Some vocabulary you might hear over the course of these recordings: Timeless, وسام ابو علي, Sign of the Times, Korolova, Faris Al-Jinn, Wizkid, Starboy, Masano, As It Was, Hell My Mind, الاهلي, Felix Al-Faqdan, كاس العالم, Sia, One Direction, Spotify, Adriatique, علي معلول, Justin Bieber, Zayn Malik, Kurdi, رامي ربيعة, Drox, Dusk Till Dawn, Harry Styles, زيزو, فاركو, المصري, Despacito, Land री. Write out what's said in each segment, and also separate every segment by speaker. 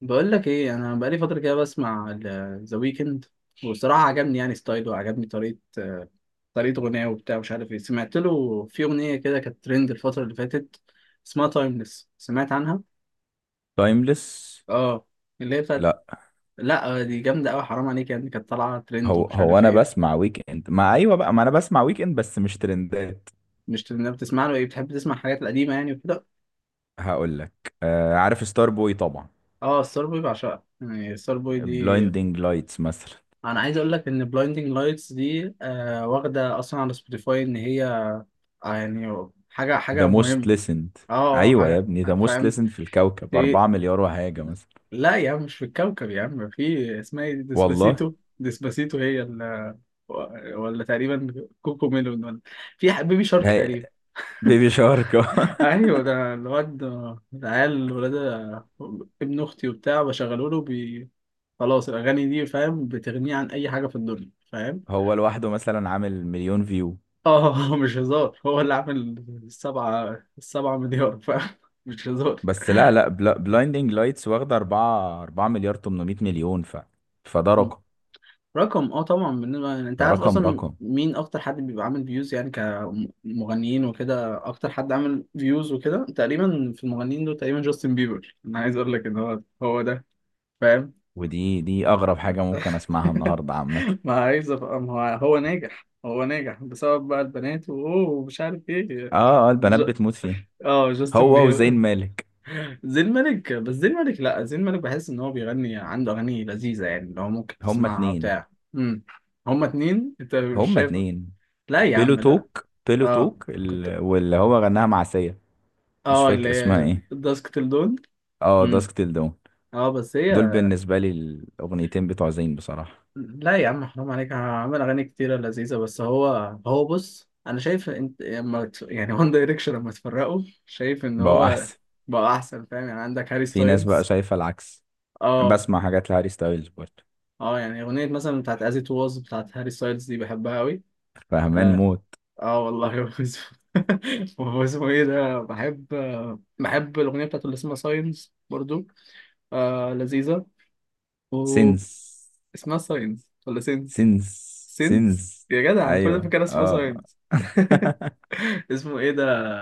Speaker 1: بقول لك ايه، انا بقالي فتره كده بسمع ذا ويكند. وبصراحه عجبني يعني ستايله وعجبني طريقه طريقه غناه وبتاع مش عارف ايه. سمعت له في اغنيه كده كانت ترند الفتره اللي فاتت اسمها تايمليس. سمعت عنها؟
Speaker 2: تايمليس.
Speaker 1: اه. اللي هي بتاعت.
Speaker 2: لا،
Speaker 1: لا، دي جامده قوي، حرام عليك يعني، كانت طالعه ترند
Speaker 2: هو
Speaker 1: ومش
Speaker 2: هو
Speaker 1: عارف
Speaker 2: انا
Speaker 1: ايه.
Speaker 2: بسمع ويك اند، ما ايوه بقى، ما انا بسمع ويك اند بس مش ترندات.
Speaker 1: مش بتسمع له ايه؟ بتحب تسمع الحاجات القديمه يعني وكده.
Speaker 2: هقول لك، عارف ستار بوي طبعا،
Speaker 1: اه ستار بوي، بعشقها يعني ستار بوي دي.
Speaker 2: بلايندينج لايتس مثلا.
Speaker 1: انا عايز اقول لك ان بلايندينج لايتس دي واخده اصلا على سبوتيفاي ان هي يعني حاجة
Speaker 2: ذا
Speaker 1: حاجة
Speaker 2: موست
Speaker 1: مهمة.
Speaker 2: ليسند.
Speaker 1: اه. اه
Speaker 2: ايوه يا
Speaker 1: حاجة.
Speaker 2: ابني، ذا موست
Speaker 1: فاهم.
Speaker 2: ليسند في الكوكب
Speaker 1: إيه؟
Speaker 2: 4 مليار وحاجه مثلا.
Speaker 1: لا يا عم، مش في الكوكب يا عم، في اسمها ايه دي؟
Speaker 2: والله
Speaker 1: ديسباسيتو. ديسباسيتو هي ال. ولا تقريبا كوكو ميلون، ولا في بيبي شارك
Speaker 2: هي
Speaker 1: تقريبا.
Speaker 2: بيبي شارك
Speaker 1: ايوه، ده الواد، العيال ولاد. ابن اختي وبتاع بشغله له بي. خلاص الاغاني دي، فاهم، بتغنيه عن اي حاجه في الدنيا، فاهم.
Speaker 2: هو لوحده مثلا عامل مليون فيو؟
Speaker 1: اه، مش هزار، هو اللي عامل السبعه مليار، فاهم، مش هزار.
Speaker 2: بس لا لا، بلايندينج لايتس واخده 4 مليار 800 مليون، فده رقم.
Speaker 1: رقم، طبعا، بالنسبة يعني انت
Speaker 2: ده
Speaker 1: عارف
Speaker 2: رقم
Speaker 1: اصلا
Speaker 2: رقم.
Speaker 1: مين اكتر حد بيبقى عامل فيوز يعني كمغنيين وكده، اكتر حد عامل فيوز وكده تقريبا في المغنيين دول تقريبا جاستن بيبر. انا عايز اقول لك ان هو ده، فاهم.
Speaker 2: ودي اغرب حاجه ممكن اسمعها النهارده عامه.
Speaker 1: ما عايز ابقى، ما هو ناجح هو ناجح بسبب بقى البنات واوه ومش عارف ايه.
Speaker 2: اه،
Speaker 1: ج...
Speaker 2: البنات بتموت فيه،
Speaker 1: اه جاستن
Speaker 2: هو وزين
Speaker 1: بيبر.
Speaker 2: مالك.
Speaker 1: زين مالك، بس زين مالك لا، زين مالك بحس ان هو بيغني، عنده اغاني لذيذة يعني، اللي هو ممكن
Speaker 2: هما
Speaker 1: تسمعها
Speaker 2: اتنين.
Speaker 1: وبتاع. امم. هما اتنين، انت مش
Speaker 2: هما
Speaker 1: شايف.
Speaker 2: اتنين.
Speaker 1: لا يا
Speaker 2: بيلو
Speaker 1: عم لا.
Speaker 2: توك، بيلو
Speaker 1: اه
Speaker 2: توك
Speaker 1: كنت.
Speaker 2: واللي هو غناها مع سيا. مش
Speaker 1: اه اللي
Speaker 2: فاكر اسمها
Speaker 1: هي
Speaker 2: ايه.
Speaker 1: الداسكتل دول.
Speaker 2: اه،
Speaker 1: امم.
Speaker 2: داسك تيل دون.
Speaker 1: اه بس
Speaker 2: دول
Speaker 1: هي.
Speaker 2: بالنسبه لي الاغنيتين بتوع زين بصراحه.
Speaker 1: لا يا عم، حرام عليك، عامل اغاني كتيره لذيذه. بس هو، هو بص، انا شايف انت لما يعني وان دايركشن لما اتفرقوا، شايف ان
Speaker 2: بقوا
Speaker 1: هو
Speaker 2: احسن.
Speaker 1: بقى احسن، فاهم، يعني عندك هاري
Speaker 2: في ناس بقى
Speaker 1: ستايلز.
Speaker 2: شايفه العكس.
Speaker 1: اه.
Speaker 2: بسمع حاجات لهاري ستايلز برضه.
Speaker 1: اه يعني اغنيه مثلا بتاعت از ات واز بتاعت هاري ستايلز دي بحبها قوي.
Speaker 2: فهمان موت.
Speaker 1: اه والله. هو اسمه، هو اسمه ايه ده. بحب، بحب الاغنيه بتاعته اللي اسمها ساينز برضو، آه لذيذه.
Speaker 2: سينس.
Speaker 1: اسمها ساينس ولا سينس؟
Speaker 2: سينس.
Speaker 1: سينس.
Speaker 2: سينس.
Speaker 1: يا جدع، أنا كل ده
Speaker 2: ايوه
Speaker 1: فاكرها اسمها
Speaker 2: اه
Speaker 1: ساينس. اسمه ايه ده.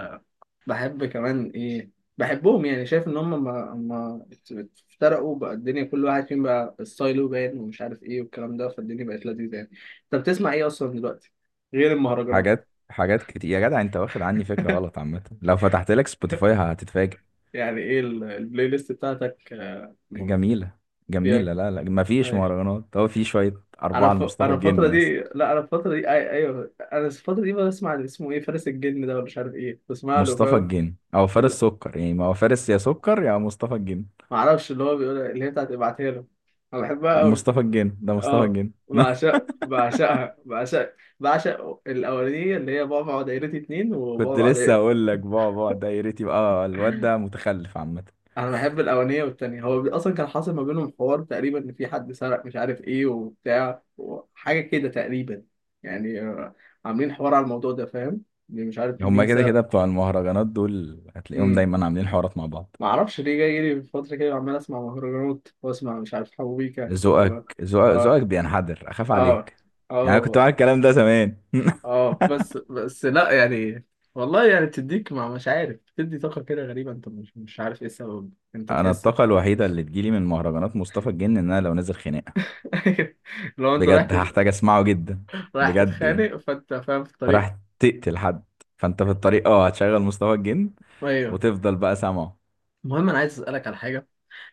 Speaker 1: بحب كمان ايه. بحبهم يعني، شايف ان هم ما افترقوا بقى الدنيا، كل واحد فيهم بقى ستايله باين ومش عارف ايه والكلام ده، فالدنيا بقت لذيذة يعني. انت بتسمع ايه اصلا دلوقتي غير المهرجانات؟
Speaker 2: حاجات، حاجات كتير يا جدع، انت واخد عني فكرة غلط عامة. لو فتحت لك سبوتيفاي هتتفاجئ.
Speaker 1: يعني ايه البلاي ليست بتاعتك،
Speaker 2: جميلة،
Speaker 1: فيها.
Speaker 2: جميلة. لا لا، مفيش
Speaker 1: أيوة.
Speaker 2: مهرجانات، هو في شوية
Speaker 1: انا
Speaker 2: أربعة لمصطفى
Speaker 1: انا الفترة
Speaker 2: الجن مثلا.
Speaker 1: دي، لا انا الفترة دي ايوه انا الفترة دي بسمع اللي اسمه ايه فارس الجن ده، ولا مش عارف ايه، بسمع له
Speaker 2: مصطفى
Speaker 1: فاهم.
Speaker 2: الجن أو فارس
Speaker 1: ال-
Speaker 2: سكر، يعني ما هو فارس يا سكر يا مصطفى الجن.
Speaker 1: ما اعرفش اللي هو بيقول إيه، اللي هي بتاعت ابعتها له، انا بحبها قوي.
Speaker 2: مصطفى الجن، ده مصطفى
Speaker 1: اه،
Speaker 2: الجن
Speaker 1: بعشقها، بعشق الاولانيه اللي هي بعبع ودايرتي اتنين
Speaker 2: كنت
Speaker 1: وبعبع
Speaker 2: لسه
Speaker 1: دايرتي.
Speaker 2: هقول لك، بقى ده يا ريت يبقى الواد ده متخلف عامة.
Speaker 1: انا بحب الاولانيه والتانيه. هو اصلا كان حاصل ما بينهم حوار، تقريبا ان في حد سرق مش عارف ايه وبتاع وحاجه كده تقريبا، يعني عاملين حوار على الموضوع ده، فاهم، إن مش عارف
Speaker 2: هما
Speaker 1: مين
Speaker 2: كده
Speaker 1: سرق.
Speaker 2: كده بتوع المهرجانات دول هتلاقيهم
Speaker 1: امم.
Speaker 2: دايما عاملين حوارات مع بعض.
Speaker 1: ما اعرفش ليه جاي لي في فتره كده عمال اسمع مهرجانات واسمع مش عارف حبوبيكا و.
Speaker 2: ذوقك ذوقك
Speaker 1: اه.
Speaker 2: ذوقك بينحدر، أخاف
Speaker 1: اه.
Speaker 2: عليك.
Speaker 1: اه
Speaker 2: يعني أنا كنت
Speaker 1: والله.
Speaker 2: معاك الكلام ده زمان
Speaker 1: اه بس، لا يعني، والله يعني بتديك، مع مش عارف، بتدي طاقة كده غريبة، انت مش عارف ايه السبب، انت
Speaker 2: انا
Speaker 1: بتحس.
Speaker 2: الطاقه الوحيده اللي تجيلي من مهرجانات مصطفى الجن، ان انا لو نازل خناقه
Speaker 1: لو انت رايح
Speaker 2: بجد
Speaker 1: تت.
Speaker 2: هحتاج اسمعه جدا.
Speaker 1: رايح
Speaker 2: بجد يعني.
Speaker 1: تتخانق فانت فاهم في الطريق.
Speaker 2: فراح تقتل حد، فانت في الطريق اه هتشغل مصطفى الجن
Speaker 1: ايوه.
Speaker 2: وتفضل بقى سامعه.
Speaker 1: المهم، انا عايز اسألك على حاجة.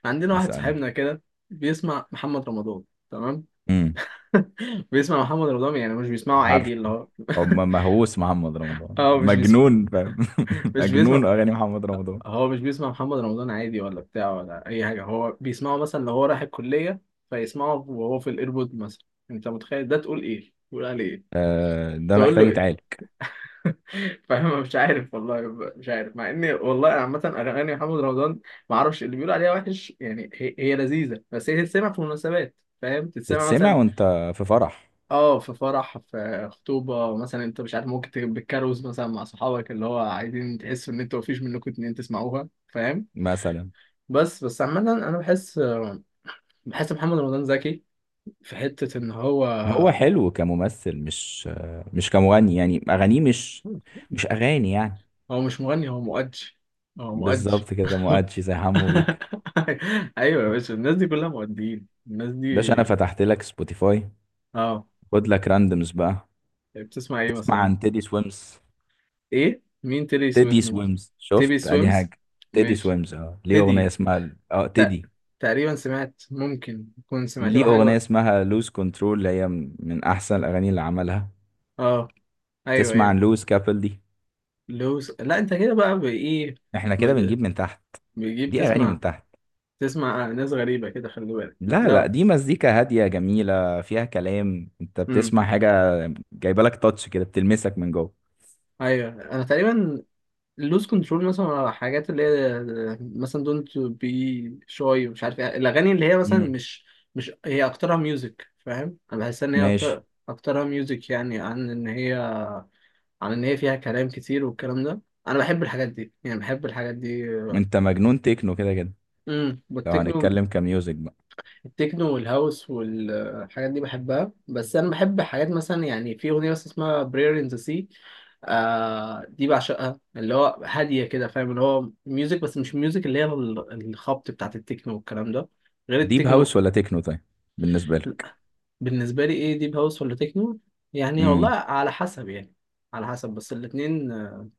Speaker 1: عندنا واحد
Speaker 2: مسألني.
Speaker 1: صاحبنا كده بيسمع محمد رمضان، تمام.
Speaker 2: امم.
Speaker 1: بيسمع محمد رمضان يعني، مش بيسمعه عادي اللي
Speaker 2: عارفه.
Speaker 1: هو.
Speaker 2: هو مهووس محمد رمضان،
Speaker 1: اه مش بيسمع،
Speaker 2: مجنون فاهم
Speaker 1: مش
Speaker 2: مجنون
Speaker 1: بيسمع.
Speaker 2: اغاني محمد رمضان.
Speaker 1: هو مش بيسمع محمد رمضان عادي ولا بتاع ولا اي حاجه، هو بيسمعه مثلا لو هو رايح الكليه فيسمعه وهو في الايربود مثلا. انت متخيل ده؟ تقول ايه؟ تقول عليه ايه؟
Speaker 2: آه، ده
Speaker 1: تقول
Speaker 2: محتاج
Speaker 1: له ايه؟
Speaker 2: يتعالج.
Speaker 1: فاهم، مش عارف والله. مش عارف، مع اني والله عامه اغاني محمد رمضان ما اعرفش اللي بيقول عليها وحش يعني، هي لذيذه، بس هي تتسمع في مناسبات، فاهم، تتسمع
Speaker 2: تتسمع
Speaker 1: مثلا،
Speaker 2: وانت في فرح
Speaker 1: اه في فرح، في خطوبه مثلا، انت مش عارف، ممكن تبقى بالكاروز مثلا مع صحابك اللي هو عايزين تحسوا ان انتوا مفيش منكم اتنين تسمعوها، فاهم.
Speaker 2: مثلا.
Speaker 1: بس عامة، أنا بحس، بحس محمد رمضان زكي في حتة إن هو،
Speaker 2: هو حلو كممثل، مش مش كمغني، يعني اغانيه مش، مش اغاني يعني.
Speaker 1: هو مش مغني، هو مؤدي. هو مؤدي.
Speaker 2: بالظبط كده، مؤدشي زي حمو بيكا.
Speaker 1: أيوة يا باشا، الناس دي كلها مؤديين الناس
Speaker 2: باشا، انا
Speaker 1: دي.
Speaker 2: فتحت لك سبوتيفاي،
Speaker 1: اه.
Speaker 2: خد لك راندمز بقى.
Speaker 1: بتسمع إيه
Speaker 2: تسمع
Speaker 1: مثلا؟
Speaker 2: عن تيدي سويمز؟
Speaker 1: إيه؟ مين تيلي
Speaker 2: تيدي
Speaker 1: سويمز؟
Speaker 2: سويمز،
Speaker 1: تيبي
Speaker 2: شفت ادي
Speaker 1: سويمز؟
Speaker 2: حاجه. تيدي
Speaker 1: ماشي.
Speaker 2: سويمز، اه ليه اغنيه
Speaker 1: تيدي.
Speaker 2: اسمها اه
Speaker 1: تق-
Speaker 2: تيدي.
Speaker 1: تقريبا سمعت، ممكن تكون سمعت
Speaker 2: ليه
Speaker 1: له حاجة
Speaker 2: اغنيه
Speaker 1: بقى.
Speaker 2: اسمها لوز كنترول، اللي هي من احسن الاغاني اللي عملها.
Speaker 1: اه أيوة
Speaker 2: تسمع
Speaker 1: أيوة.
Speaker 2: عن لوز كابل دي؟
Speaker 1: لوس، لا أنت كده بقى بإيه.
Speaker 2: احنا كده
Speaker 1: بت-
Speaker 2: بنجيب من تحت.
Speaker 1: بيجيب
Speaker 2: دي اغاني
Speaker 1: تسمع،
Speaker 2: من تحت.
Speaker 1: تسمع ناس غريبة كده، خلي بالك
Speaker 2: لا لا،
Speaker 1: ده.
Speaker 2: دي مزيكا هاديه جميله، فيها كلام، انت
Speaker 1: امم.
Speaker 2: بتسمع حاجه جايبه لك تاتش كده، بتلمسك من جوه.
Speaker 1: ايوه انا تقريبا. لوز كنترول مثلا، على حاجات اللي هي مثلا دونت بي شوي، مش عارف ايه الاغاني اللي هي مثلا
Speaker 2: مم.
Speaker 1: مش، مش هي اكترها ميوزك، فاهم، انا بحس ان هي
Speaker 2: ماشي.
Speaker 1: اكترها ميوزك يعني، عن ان هي، عن ان هي فيها كلام كتير، والكلام ده انا بحب الحاجات دي يعني، بحب الحاجات دي.
Speaker 2: انت مجنون تكنو كده كده،
Speaker 1: امم،
Speaker 2: لو
Speaker 1: والتكنو،
Speaker 2: هنتكلم كميوزك بقى.
Speaker 1: التكنو والهاوس والحاجات دي بحبها. بس انا بحب حاجات مثلا، يعني في اغنيه بس اسمها prayer in the sea، آه دي بعشقها، اللي هو هاديه كده، فاهم، اللي هو ميوزك بس مش ميوزك اللي هي الخبط بتاعت التكنو والكلام ده، غير
Speaker 2: ديب هاوس
Speaker 1: التكنو.
Speaker 2: ولا تكنو طيب، بالنسبة لك؟
Speaker 1: بالنسبه لي ايه، ديب هاوس ولا تكنو؟ يعني والله
Speaker 2: امم
Speaker 1: على حسب يعني، على حسب. بس الاتنين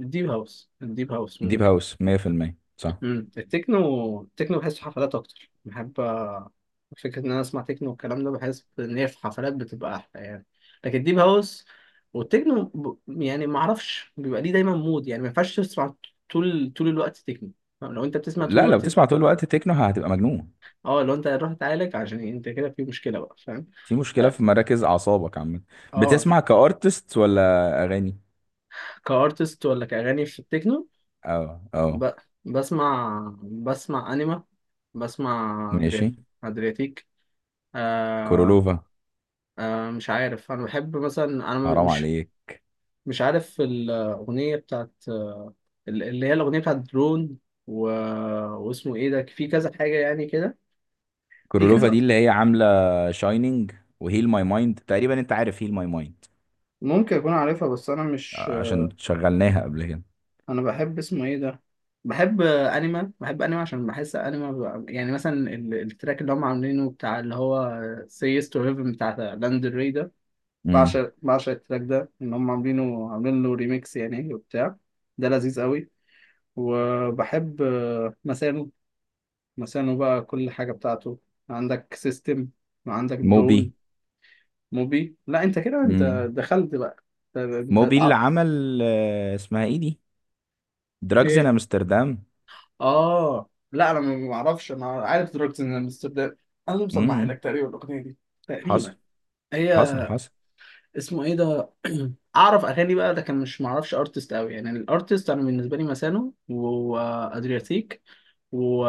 Speaker 1: الديب هاوس،
Speaker 2: ديب
Speaker 1: ممكن.
Speaker 2: هاوس 100% صح.
Speaker 1: مم. التكنو بحسه حفلات اكتر، بحب فكره ان انا اسمع تكنو والكلام ده، بحس ان هي في حفلات بتبقى احلى يعني. لكن ديب هاوس والتكنو، ب. يعني ما اعرفش بيبقى ليه دايما مود، يعني ما ينفعش تسمع طول الوقت تكنو، فاهم؟ لو انت بتسمع طول
Speaker 2: لا، لو
Speaker 1: الوقت،
Speaker 2: بتسمع طول الوقت تكنو هتبقى مجنون.
Speaker 1: اه لو انت هتروح تعالج عشان انت كده في مشكله بقى، فاهم.
Speaker 2: في مشكلة
Speaker 1: اه.
Speaker 2: في مراكز أعصابك عامة.
Speaker 1: آه.
Speaker 2: بتسمع كأرتست ولا أغاني؟
Speaker 1: كارتست ولا كاغاني في التكنو؟
Speaker 2: اه اه.
Speaker 1: ب. بسمع انيما، بسمع
Speaker 2: ماشي.
Speaker 1: ادريات، ادرياتيك.
Speaker 2: كورولوفا،
Speaker 1: أنا مش عارف، أنا بحب مثلا، أنا
Speaker 2: حرام
Speaker 1: مش،
Speaker 2: عليك.
Speaker 1: مش عارف الأغنية بتاعت، اللي هي الأغنية بتاعت درون و. واسمه إيه ده، في كذا حاجة يعني كده، في
Speaker 2: كورولوفا دي
Speaker 1: كذا.
Speaker 2: اللي هي عاملة شاينينج، وهيل ماي مايند تقريبا. انت عارف هيل ماي مايند،
Speaker 1: ممكن أكون عارفها بس أنا مش.
Speaker 2: عشان شغلناها قبل كده.
Speaker 1: أنا بحب اسمه إيه ده، بحب أنيما. بحب أنيما عشان بحس أنيما ب. يعني مثلا التراك اللي هم عاملينه بتاع، اللي هو Say Yes to Heaven بتاع لاند ري ده.
Speaker 2: امم.
Speaker 1: بعشق التراك ده، إن هم عاملين له ريميكس، يعني وبتاع، ده لذيذ قوي. وبحب مسانو. مسانو بقى كل حاجة بتاعته، عندك سيستم وعندك
Speaker 2: موبي.
Speaker 1: درون. موبي لا، انت كده، انت
Speaker 2: امم
Speaker 1: دخلت بقى، انت
Speaker 2: موبي اللي عمل، اسمها ايه دي، دراجز ان
Speaker 1: ايه.
Speaker 2: امستردام.
Speaker 1: اه لا، انا ما اعرفش، انا عارف دروكس ان امستردام. انا اللي مسمح لك
Speaker 2: امم.
Speaker 1: تقريبا الاغنيه دي،
Speaker 2: حصل،
Speaker 1: تقريبا. هي،
Speaker 2: حصل، حصل.
Speaker 1: اسمه ايه ده، اعرف اغاني بقى لكن مش معرفش ارتست قوي، يعني الارتست انا بالنسبه لي مسانو وادرياتيك و.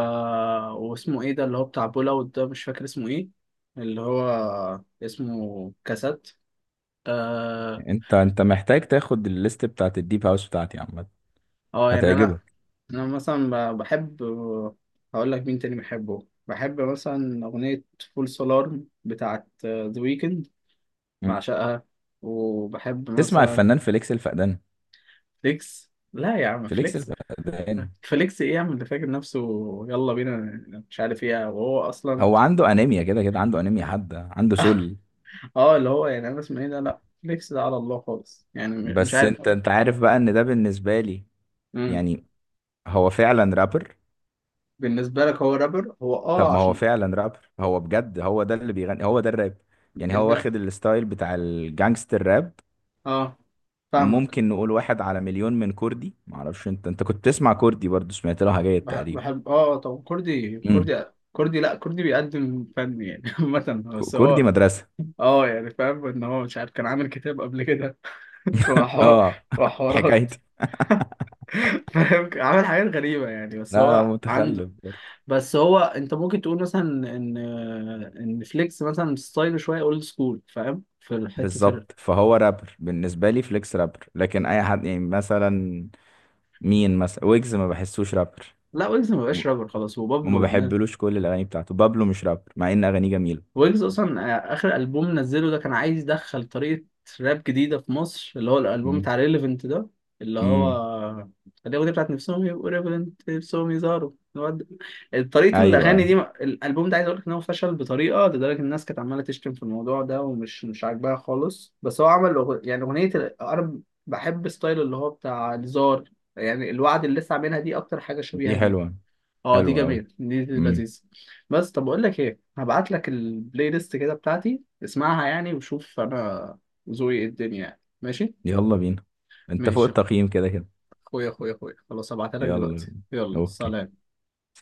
Speaker 1: واسمه ايه ده اللي هو بتاع بولاوت ده، مش فاكر اسمه ايه، اللي هو اسمه كاسات. اه.
Speaker 2: انت محتاج تاخد الليست بتاعت الديب هاوس بتاعتي عامة،
Speaker 1: يعني انا،
Speaker 2: هتعجبك.
Speaker 1: انا مثلا بحب. هقول لك مين تاني بحبه، بحب مثلا اغنيه فول سولار بتاعت ذا ويكند،
Speaker 2: مم.
Speaker 1: بعشقها. وبحب
Speaker 2: تسمع
Speaker 1: مثلا
Speaker 2: الفنان فليكس الفقدان؟
Speaker 1: فليكس. لا يا عم
Speaker 2: فليكس
Speaker 1: فليكس،
Speaker 2: الفقدان
Speaker 1: فليكس ايه يعمل ده فاكر نفسه، يلا بينا، مش عارف ايه. وهو اصلا،
Speaker 2: هو عنده انيميا كده كده، عنده انيميا حادة، عنده سل.
Speaker 1: اه اللي هو يعني انا اسمه ايه ده، لا فليكس ده على الله خالص يعني، مش
Speaker 2: بس
Speaker 1: عارف.
Speaker 2: انت عارف بقى ان ده بالنسبة لي
Speaker 1: امم.
Speaker 2: يعني هو فعلا رابر.
Speaker 1: بالنسبه لك هو رابر، هو
Speaker 2: طب ما هو
Speaker 1: عشان
Speaker 2: فعلا رابر، هو بجد هو ده اللي بيغني، هو ده الراب يعني. هو
Speaker 1: ده.
Speaker 2: واخد الستايل بتاع الجانجستر راب.
Speaker 1: اه، فاهمك.
Speaker 2: ممكن نقول واحد على مليون من كردي. معرفش، انت كنت بتسمع كردي برضو؟ سمعت لها حاجات تقريبا.
Speaker 1: بحب، اه طب كردي،
Speaker 2: امم.
Speaker 1: كردي، كردي لا، كردي بيقدم فن يعني، عامة بس
Speaker 2: كردي
Speaker 1: هو،
Speaker 2: مدرسة.
Speaker 1: اه يعني فاهم ان هو، مش عارف، كان عامل كتاب قبل كده، وحوا-
Speaker 2: اه
Speaker 1: وحوارات.
Speaker 2: حكايتي.
Speaker 1: فاهم، عامل حاجات غريبة يعني، بس
Speaker 2: لا لا،
Speaker 1: هو عنده،
Speaker 2: متخلف برضو.
Speaker 1: بس هو انت ممكن تقول مثلا ان، ان فليكس مثلا ستايل شويه اولد سكول، فاهم في حته ال.
Speaker 2: بالظبط، فهو رابر بالنسبة لي، فليكس رابر. لكن اي حد يعني مثلا، مين مثلا، ويجز ما بحسوش رابر،
Speaker 1: لا، ويجز ما
Speaker 2: وم-
Speaker 1: بقاش رابر خلاص،
Speaker 2: وما
Speaker 1: وبابلو الناس.
Speaker 2: بحبلوش كل الاغاني بتاعته. بابلو مش رابر مع ان اغانيه جميلة.
Speaker 1: ويجز اصلا اخر البوم نزله ده كان عايز يدخل طريقه راب جديده في مصر، اللي هو الالبوم
Speaker 2: امم.
Speaker 1: بتاع ريليفنت ده، اللي هو
Speaker 2: امم.
Speaker 1: الاغنيه بتاعت نفسهم يبقوا ريليفنت، نفسهم يظهروا طريقه
Speaker 2: ايوه،
Speaker 1: الاغاني
Speaker 2: ايوه.
Speaker 1: دي. الالبوم ده عايز اقول لك ان هو فشل بطريقه لدرجه ان الناس كانت عماله تشتم في الموضوع ده ومش مش عاجباها خالص. بس هو عمل يعني اغنيه انا بحب ستايل اللي هو بتاع الزار، يعني الوعد اللي لسه عاملها دي اكتر حاجه شبيهه
Speaker 2: دي
Speaker 1: ليه.
Speaker 2: حلوة.
Speaker 1: اه دي
Speaker 2: حلوة قوي.
Speaker 1: جميلة، دي
Speaker 2: امم.
Speaker 1: لذيذة. بس طب اقول لك ايه، هبعت لك البلاي ليست كده بتاعتي اسمعها يعني، وشوف انا ذوقي ايه الدنيا يعني. ماشي.
Speaker 2: يلا بينا، انت فوق
Speaker 1: ماشي يا
Speaker 2: التقييم كده كده.
Speaker 1: اخويا اخويا اخويا اخويا، خلاص هبعتها لك
Speaker 2: يلا
Speaker 1: دلوقتي،
Speaker 2: بينا.
Speaker 1: يلا
Speaker 2: اوكي.
Speaker 1: سلام.